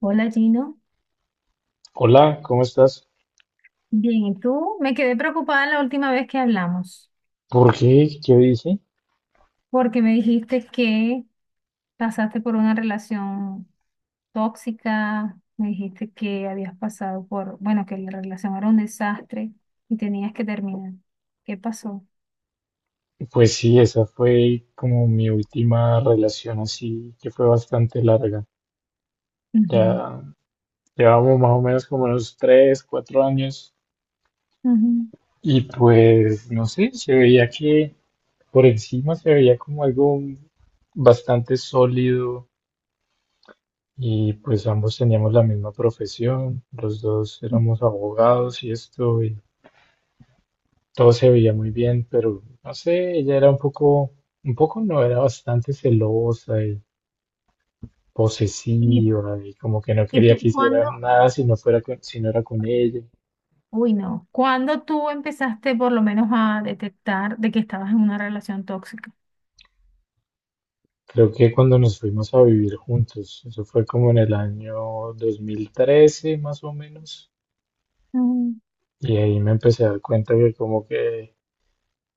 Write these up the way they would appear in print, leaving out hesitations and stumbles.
Hola Gino, Hola, ¿cómo estás? bien, ¿y tú? Me quedé preocupada la última vez que hablamos, ¿Por qué? ¿Qué dije? porque me dijiste que pasaste por una relación tóxica, me dijiste que habías pasado por, bueno, que la relación era un desastre y tenías que terminar. ¿Qué pasó? Pues sí, esa fue como mi última relación así, que fue bastante larga. Ujú, Ya llevamos más o menos como unos 3, 4 años ujú. y pues no sé, se veía que por encima se veía como algo bastante sólido y pues ambos teníamos la misma profesión, los dos éramos abogados y esto, y todo se veía muy bien, pero no sé, ella era un poco no, era bastante celosa y ¿Y, posesiva y como que no y quería tú que hiciera cuándo? nada si no era con ella. Uy, no. ¿Cuándo tú empezaste por lo menos a detectar de que estabas en una relación tóxica? Creo que cuando nos fuimos a vivir juntos, eso fue como en el año 2013 más o menos, y ahí me empecé a dar cuenta que como que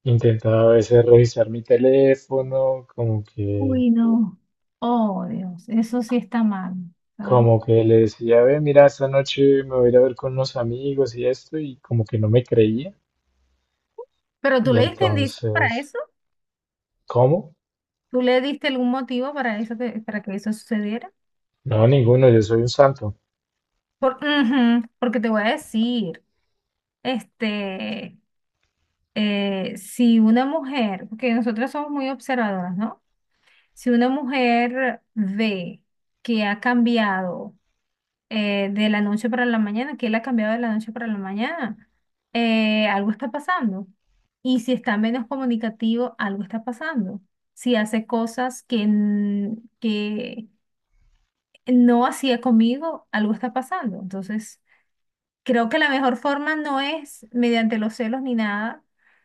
intentaba a veces revisar mi teléfono. Uy, no. Oh, Dios, eso sí está mal, ¿sabes? Como que le decía, ve, mira, esta noche me voy a ir a ver con unos amigos y esto, y como que no me creía. Pero tú Y le diste indicios para entonces, eso. ¿cómo? ¿Tú le diste algún motivo para eso que, para que eso sucediera? No, ninguno, yo soy un santo. Por, ujú, porque te voy a decir, este, si una mujer, porque nosotras somos muy observadoras, ¿no? Si una mujer ve que ha cambiado de la noche para la mañana, que él ha cambiado de la noche para la mañana. Algo está pasando. Y si está menos comunicativo, algo está pasando. Si hace cosas que, que no hacía conmigo, algo está pasando. Entonces, creo que la mejor forma no es mediante los celos ni nada,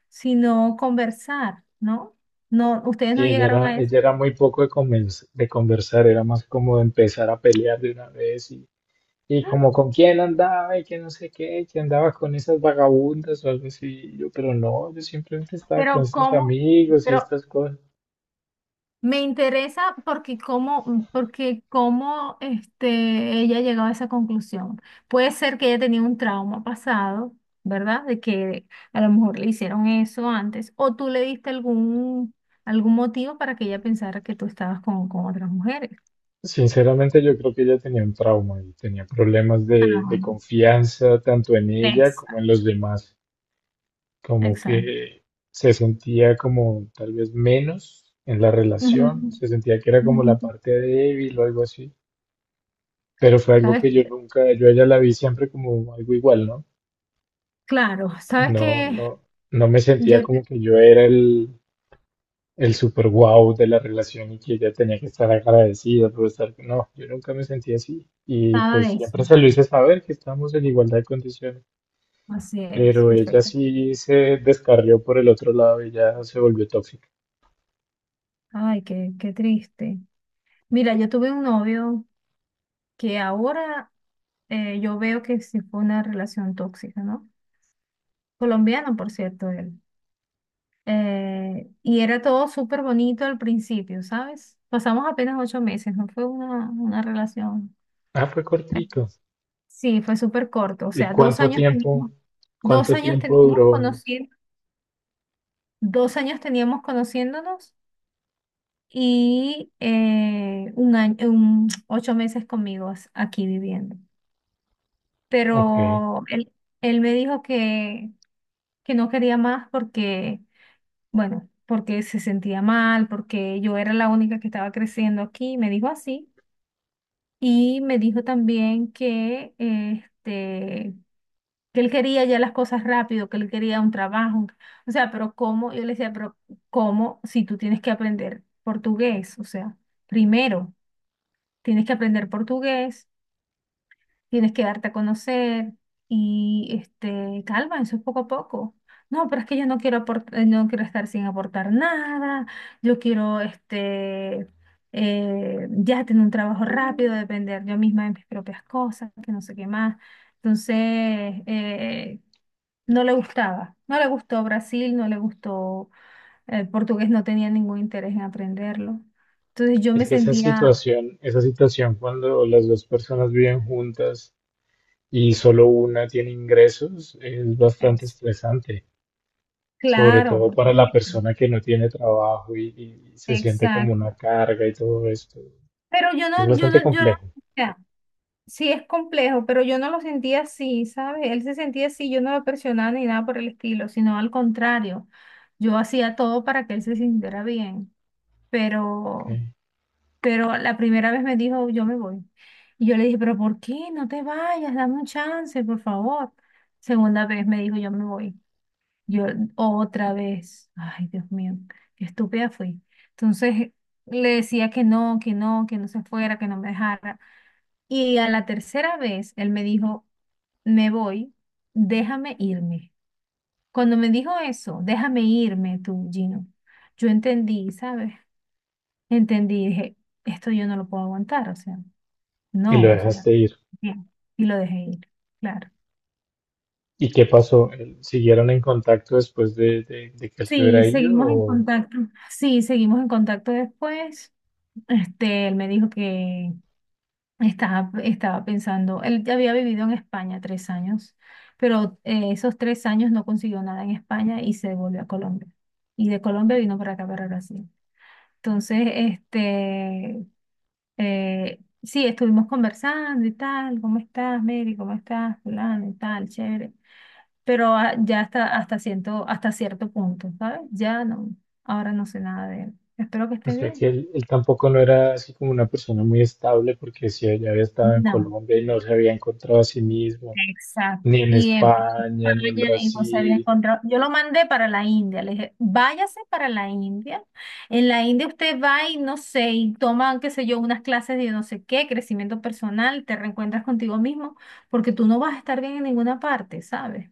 sino conversar, ¿no? No, ustedes no Y llegaron a eso. ella era muy poco de conversar, era más como de empezar a pelear de una vez y como con quién andaba y que no sé qué, que andaba con esas vagabundas o algo así. Y yo, pero no, yo simplemente estaba con Pero estos ¿cómo? amigos y Pero estas cosas. Me interesa porque cómo, porque cómo ella ha llegado a esa conclusión. Puede ser que ella tenía un trauma pasado, ¿verdad? De que a lo mejor le hicieron eso antes, o tú le diste algún, algún motivo para que ella pensara que tú estabas con otras mujeres. Sinceramente, yo creo que ella tenía un trauma y tenía problemas de Ah, confianza tanto en ella como en exacto. los demás, como Exacto. que se sentía como tal vez menos en la Ujú, relación, se sentía que era como la ujú. parte débil o algo así, pero fue algo ¿Sabes que yo qué? nunca, yo a ella la vi siempre como algo igual, ¿no? Claro, sabes No, que no, no me sentía yo como que yo era el super wow de la relación y que ella tenía que estar agradecida por estar. No, yo nunca me sentí así. Y pensaba pues de eso. siempre se lo hice saber que estábamos en igualdad de condiciones. Así es, Pero ella perfecto. sí se descarrió por el otro lado, ella se volvió tóxica. Ay, qué, qué triste. Mira, yo tuve un novio que ahora yo veo que sí fue una relación tóxica, ¿no? Colombiano, por cierto, él. Y era todo súper bonito al principio, ¿sabes? Pasamos apenas 8 meses, no fue una relación. Ah, fue cortico. Sí, fue súper corto, o ¿Y sea, cuánto tiempo? Dos ¿Cuánto años tiempo teníamos duró? conociendo, 2 años teníamos conociéndonos y 8 meses conmigo aquí viviendo. Ok. Pero él me dijo que no quería más porque, bueno, porque se sentía mal, porque yo era la única que estaba creciendo aquí, me dijo así. Y me dijo también que, que él quería ya las cosas rápido, que él quería un trabajo. O sea, pero ¿cómo? Yo le decía, pero ¿cómo si tú tienes que aprender portugués? O sea, primero tienes que aprender portugués, tienes que darte a conocer y este, calma, eso es poco a poco. No, pero es que yo no quiero aportar, no quiero estar sin aportar nada, yo quiero ya tener un trabajo rápido, depender yo misma de mis propias cosas, que no sé qué más. Entonces, no le gustaba, no le gustó Brasil, no le gustó el portugués, no tenía ningún interés en aprenderlo. Entonces yo Es me que sentía, esa situación cuando las dos personas viven juntas y solo una tiene ingresos, es bastante es, estresante, sobre claro, todo por para la supuesto. persona que no tiene trabajo y se siente como Exacto. una carga y todo esto. Pero Es bastante yo no, complejo, o sea, sí es complejo, pero yo no lo sentía así, ¿sabes? Él se sentía así, yo no lo presionaba ni nada por el estilo, sino al contrario, yo hacía todo para que él se sintiera bien, ¿ok? pero, pero la primera vez me dijo, yo me voy. Y yo le dije, pero ¿por qué? No te vayas, dame un chance, por favor. Segunda vez me dijo, yo me voy. Yo otra vez, ay Dios mío, qué estúpida fui. Entonces le decía que no, que no se fuera, que no me dejara. Y a la tercera vez él me dijo, me voy, déjame irme. Cuando me dijo eso, déjame irme tú, Gino, yo entendí, ¿sabes? Entendí, dije, esto yo no lo puedo aguantar, o sea, Y lo no, o sea, dejaste ir. bien, y lo dejé ir, claro. ¿Y qué pasó? ¿Siguieron en contacto después de que él se hubiera Sí, ido? seguimos en contacto. Sí, seguimos en contacto después. Este, él me dijo que estaba pensando, él ya había vivido en España 3 años, pero esos 3 años no consiguió nada en España y se volvió a Colombia. Y de Colombia vino para acá, para Brasil. Entonces, sí, estuvimos conversando y tal, ¿cómo estás, Mary? ¿Cómo estás, fulano y tal? Chévere. Pero ah, ya siento, hasta cierto punto, ¿sabes? Ya no, ahora no sé nada de él. Espero que O esté sea que bien. él tampoco no era así como una persona muy estable porque si ella había estado en No. Colombia y no se había encontrado a sí mismo, Exacto. ni en Y en España, ni en España y no se había Brasil. encontrado. Yo lo mandé para la India. Le dije, váyase para la India. En la India usted va y no sé, y toma, qué sé yo, unas clases de no sé qué, crecimiento personal, te reencuentras contigo mismo, porque tú no vas a estar bien en ninguna parte, ¿sabes?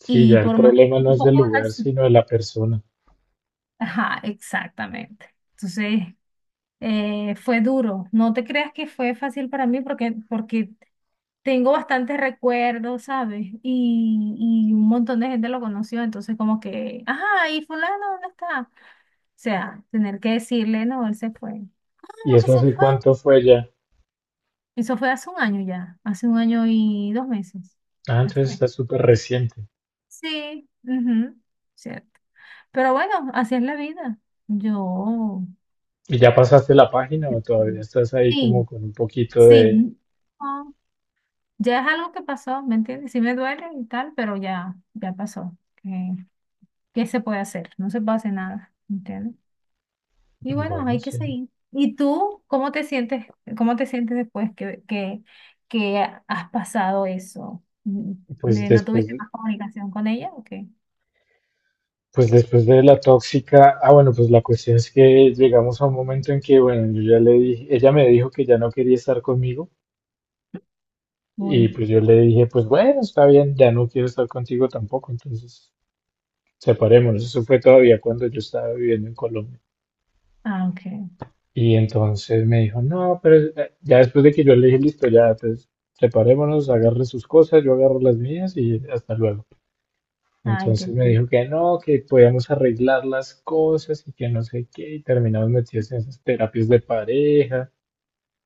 Sí, Y ya el por más problema no un es del poco lugar, así. sino de la persona. Ajá, exactamente. Entonces, fue duro. No te creas que fue fácil para mí porque tengo bastantes recuerdos, ¿sabes? Y un montón de gente lo conoció, entonces como que, ajá, ¿y fulano dónde está? O sea, tener que decirle, no, él se fue. ¿Y ¿Cómo que eso se hace fue? cuánto fue ya? Eso fue hace 1 año ya, hace un año y 2 meses Ah, se entonces fue. está súper reciente. Sí, ujú, cierto. Pero bueno, así es la vida. Yo, ¿Y ya pasaste la página o todavía estás ahí como sí, con un poquito sí. de? No, ya es algo que pasó, ¿me entiendes? Sí me duele y tal, pero ya, ya pasó. ¿Qué se puede hacer? No se puede hacer nada, ¿entiendes? Y bueno, Bueno, hay que sí. seguir. ¿Y tú cómo te sientes después que has pasado eso? Pues ¿No después, tuviste de- más comunicación con ella o qué? pues después de la tóxica. Ah, bueno, pues la cuestión es que llegamos a un momento en que, bueno, yo ya le dije, ella me dijo que ya no quería estar conmigo y Uy, pues yo le dije, pues bueno, está bien, ya no quiero estar contigo tampoco, entonces separémonos. Eso fue todavía cuando yo estaba viviendo en Colombia. ah, ok. Y entonces me dijo, no, pero ya después de que yo le dije, listo, ya, pues separémonos, agarre sus cosas, yo agarro las mías y hasta luego. Ay, qué Entonces me triste. dijo que no, que podíamos arreglar las cosas y que no sé qué, y terminamos metidos en esas terapias de pareja,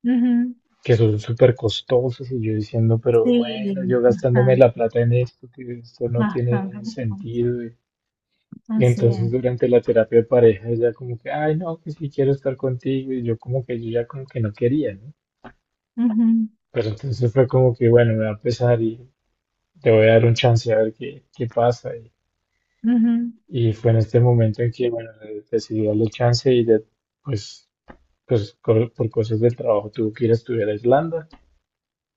Ujú. que son súper costosas, y yo diciendo, pero Sí, bueno, yo gastándome bastante, la plata en esto, que esto no tiene bastante. sentido. Y Así entonces es. durante la terapia de pareja ella como que, ay, no, que sí quiero estar contigo, y yo como que yo ya como que no quería, ¿no? Pero entonces fue como que, bueno, me va a empezar y te voy a dar un chance a ver qué pasa. Y, Ujú, y fue en este momento en que, bueno, decidí darle chance y pues, por cosas del trabajo tuve que ir a estudiar a Islanda.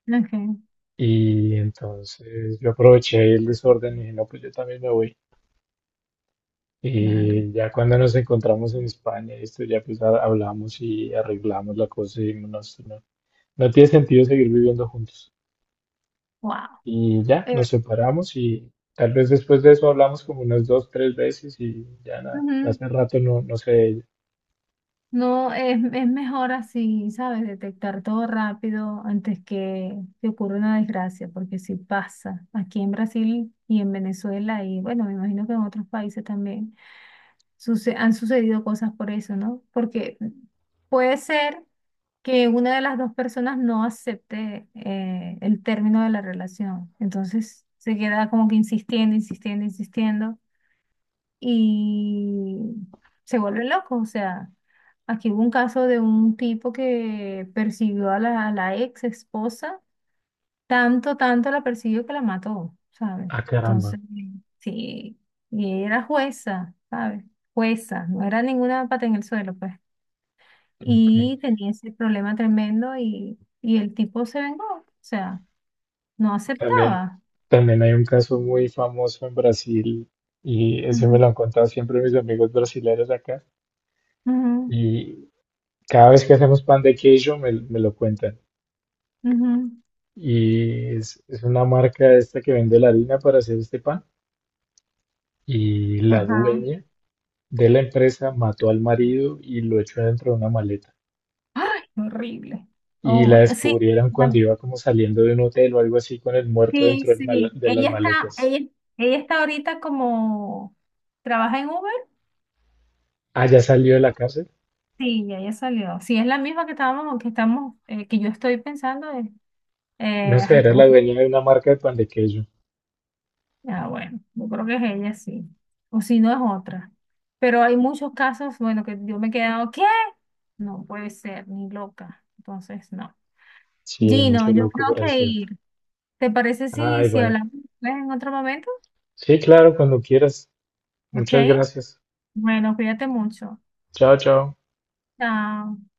ujú. Ok, Y entonces yo aproveché el desorden y dije, no, pues yo también me voy. claro. Y ya cuando nos encontramos en España, esto ya pues hablamos y arreglamos la cosa y dijimos, no, esto no, no tiene sentido seguir viviendo juntos. Wow. Y ya, Eh, nos separamos y tal vez después de eso hablamos como unas dos, tres veces y ya nada. ujú. Hace rato no, no sé de ella. No, es mejor así, ¿sabes? Detectar todo rápido antes que te ocurra una desgracia, porque sí pasa aquí en Brasil y en Venezuela y bueno, me imagino que en otros países también han sucedido cosas por eso, ¿no? Porque puede ser que una de las dos personas no acepte el término de la relación, entonces se queda como que insistiendo, insistiendo, insistiendo y se vuelven locos. O sea, aquí hubo un caso de un tipo que persiguió a a la ex esposa, tanto, tanto la persiguió que la mató, ¿sabes? Ah, caramba. Entonces, sí, y era jueza, ¿sabes? Jueza, no era ninguna pata en el suelo, pues. Ok. Y tenía ese problema tremendo y el tipo se vengó, o sea, no También, aceptaba. también hay un caso muy famoso en Brasil y ese me lo Ujú, han contado siempre mis amigos brasileños acá. ujú, Y cada vez que hacemos pan de queijo me lo cuentan. ujú, Y es una marca esta que vende la harina para hacer este pan. Y la ajá. dueña de la empresa mató al marido y lo echó dentro de una maleta. Ay, horrible. Y Oh la my. Sí, descubrieron cuando bueno, iba como saliendo de un hotel o algo así con el muerto sí, dentro del mala- sí. de las maletas. ella, ella está ahorita como trabaja en Uber. Ah, ya salió de la cárcel. Sí, ya ella salió. Sí, es la misma que estamos, que yo estoy pensando es, No sé, ay, era cómo la que, dueña de una marca de pan de queso. ah, bueno, yo creo que es ella, sí. O si no es otra. Pero hay muchos casos, bueno, que yo me he quedado, ¿qué? No puede ser, ni loca. Entonces, no. Sí, hay Gino, mucho yo loco tengo por que eso. ir. ¿Te parece si, Ay, si vale. hablamos después en otro momento? Sí, claro, cuando quieras. Ok. Muchas gracias. Bueno, cuídate mucho. Chao, chao. Chao.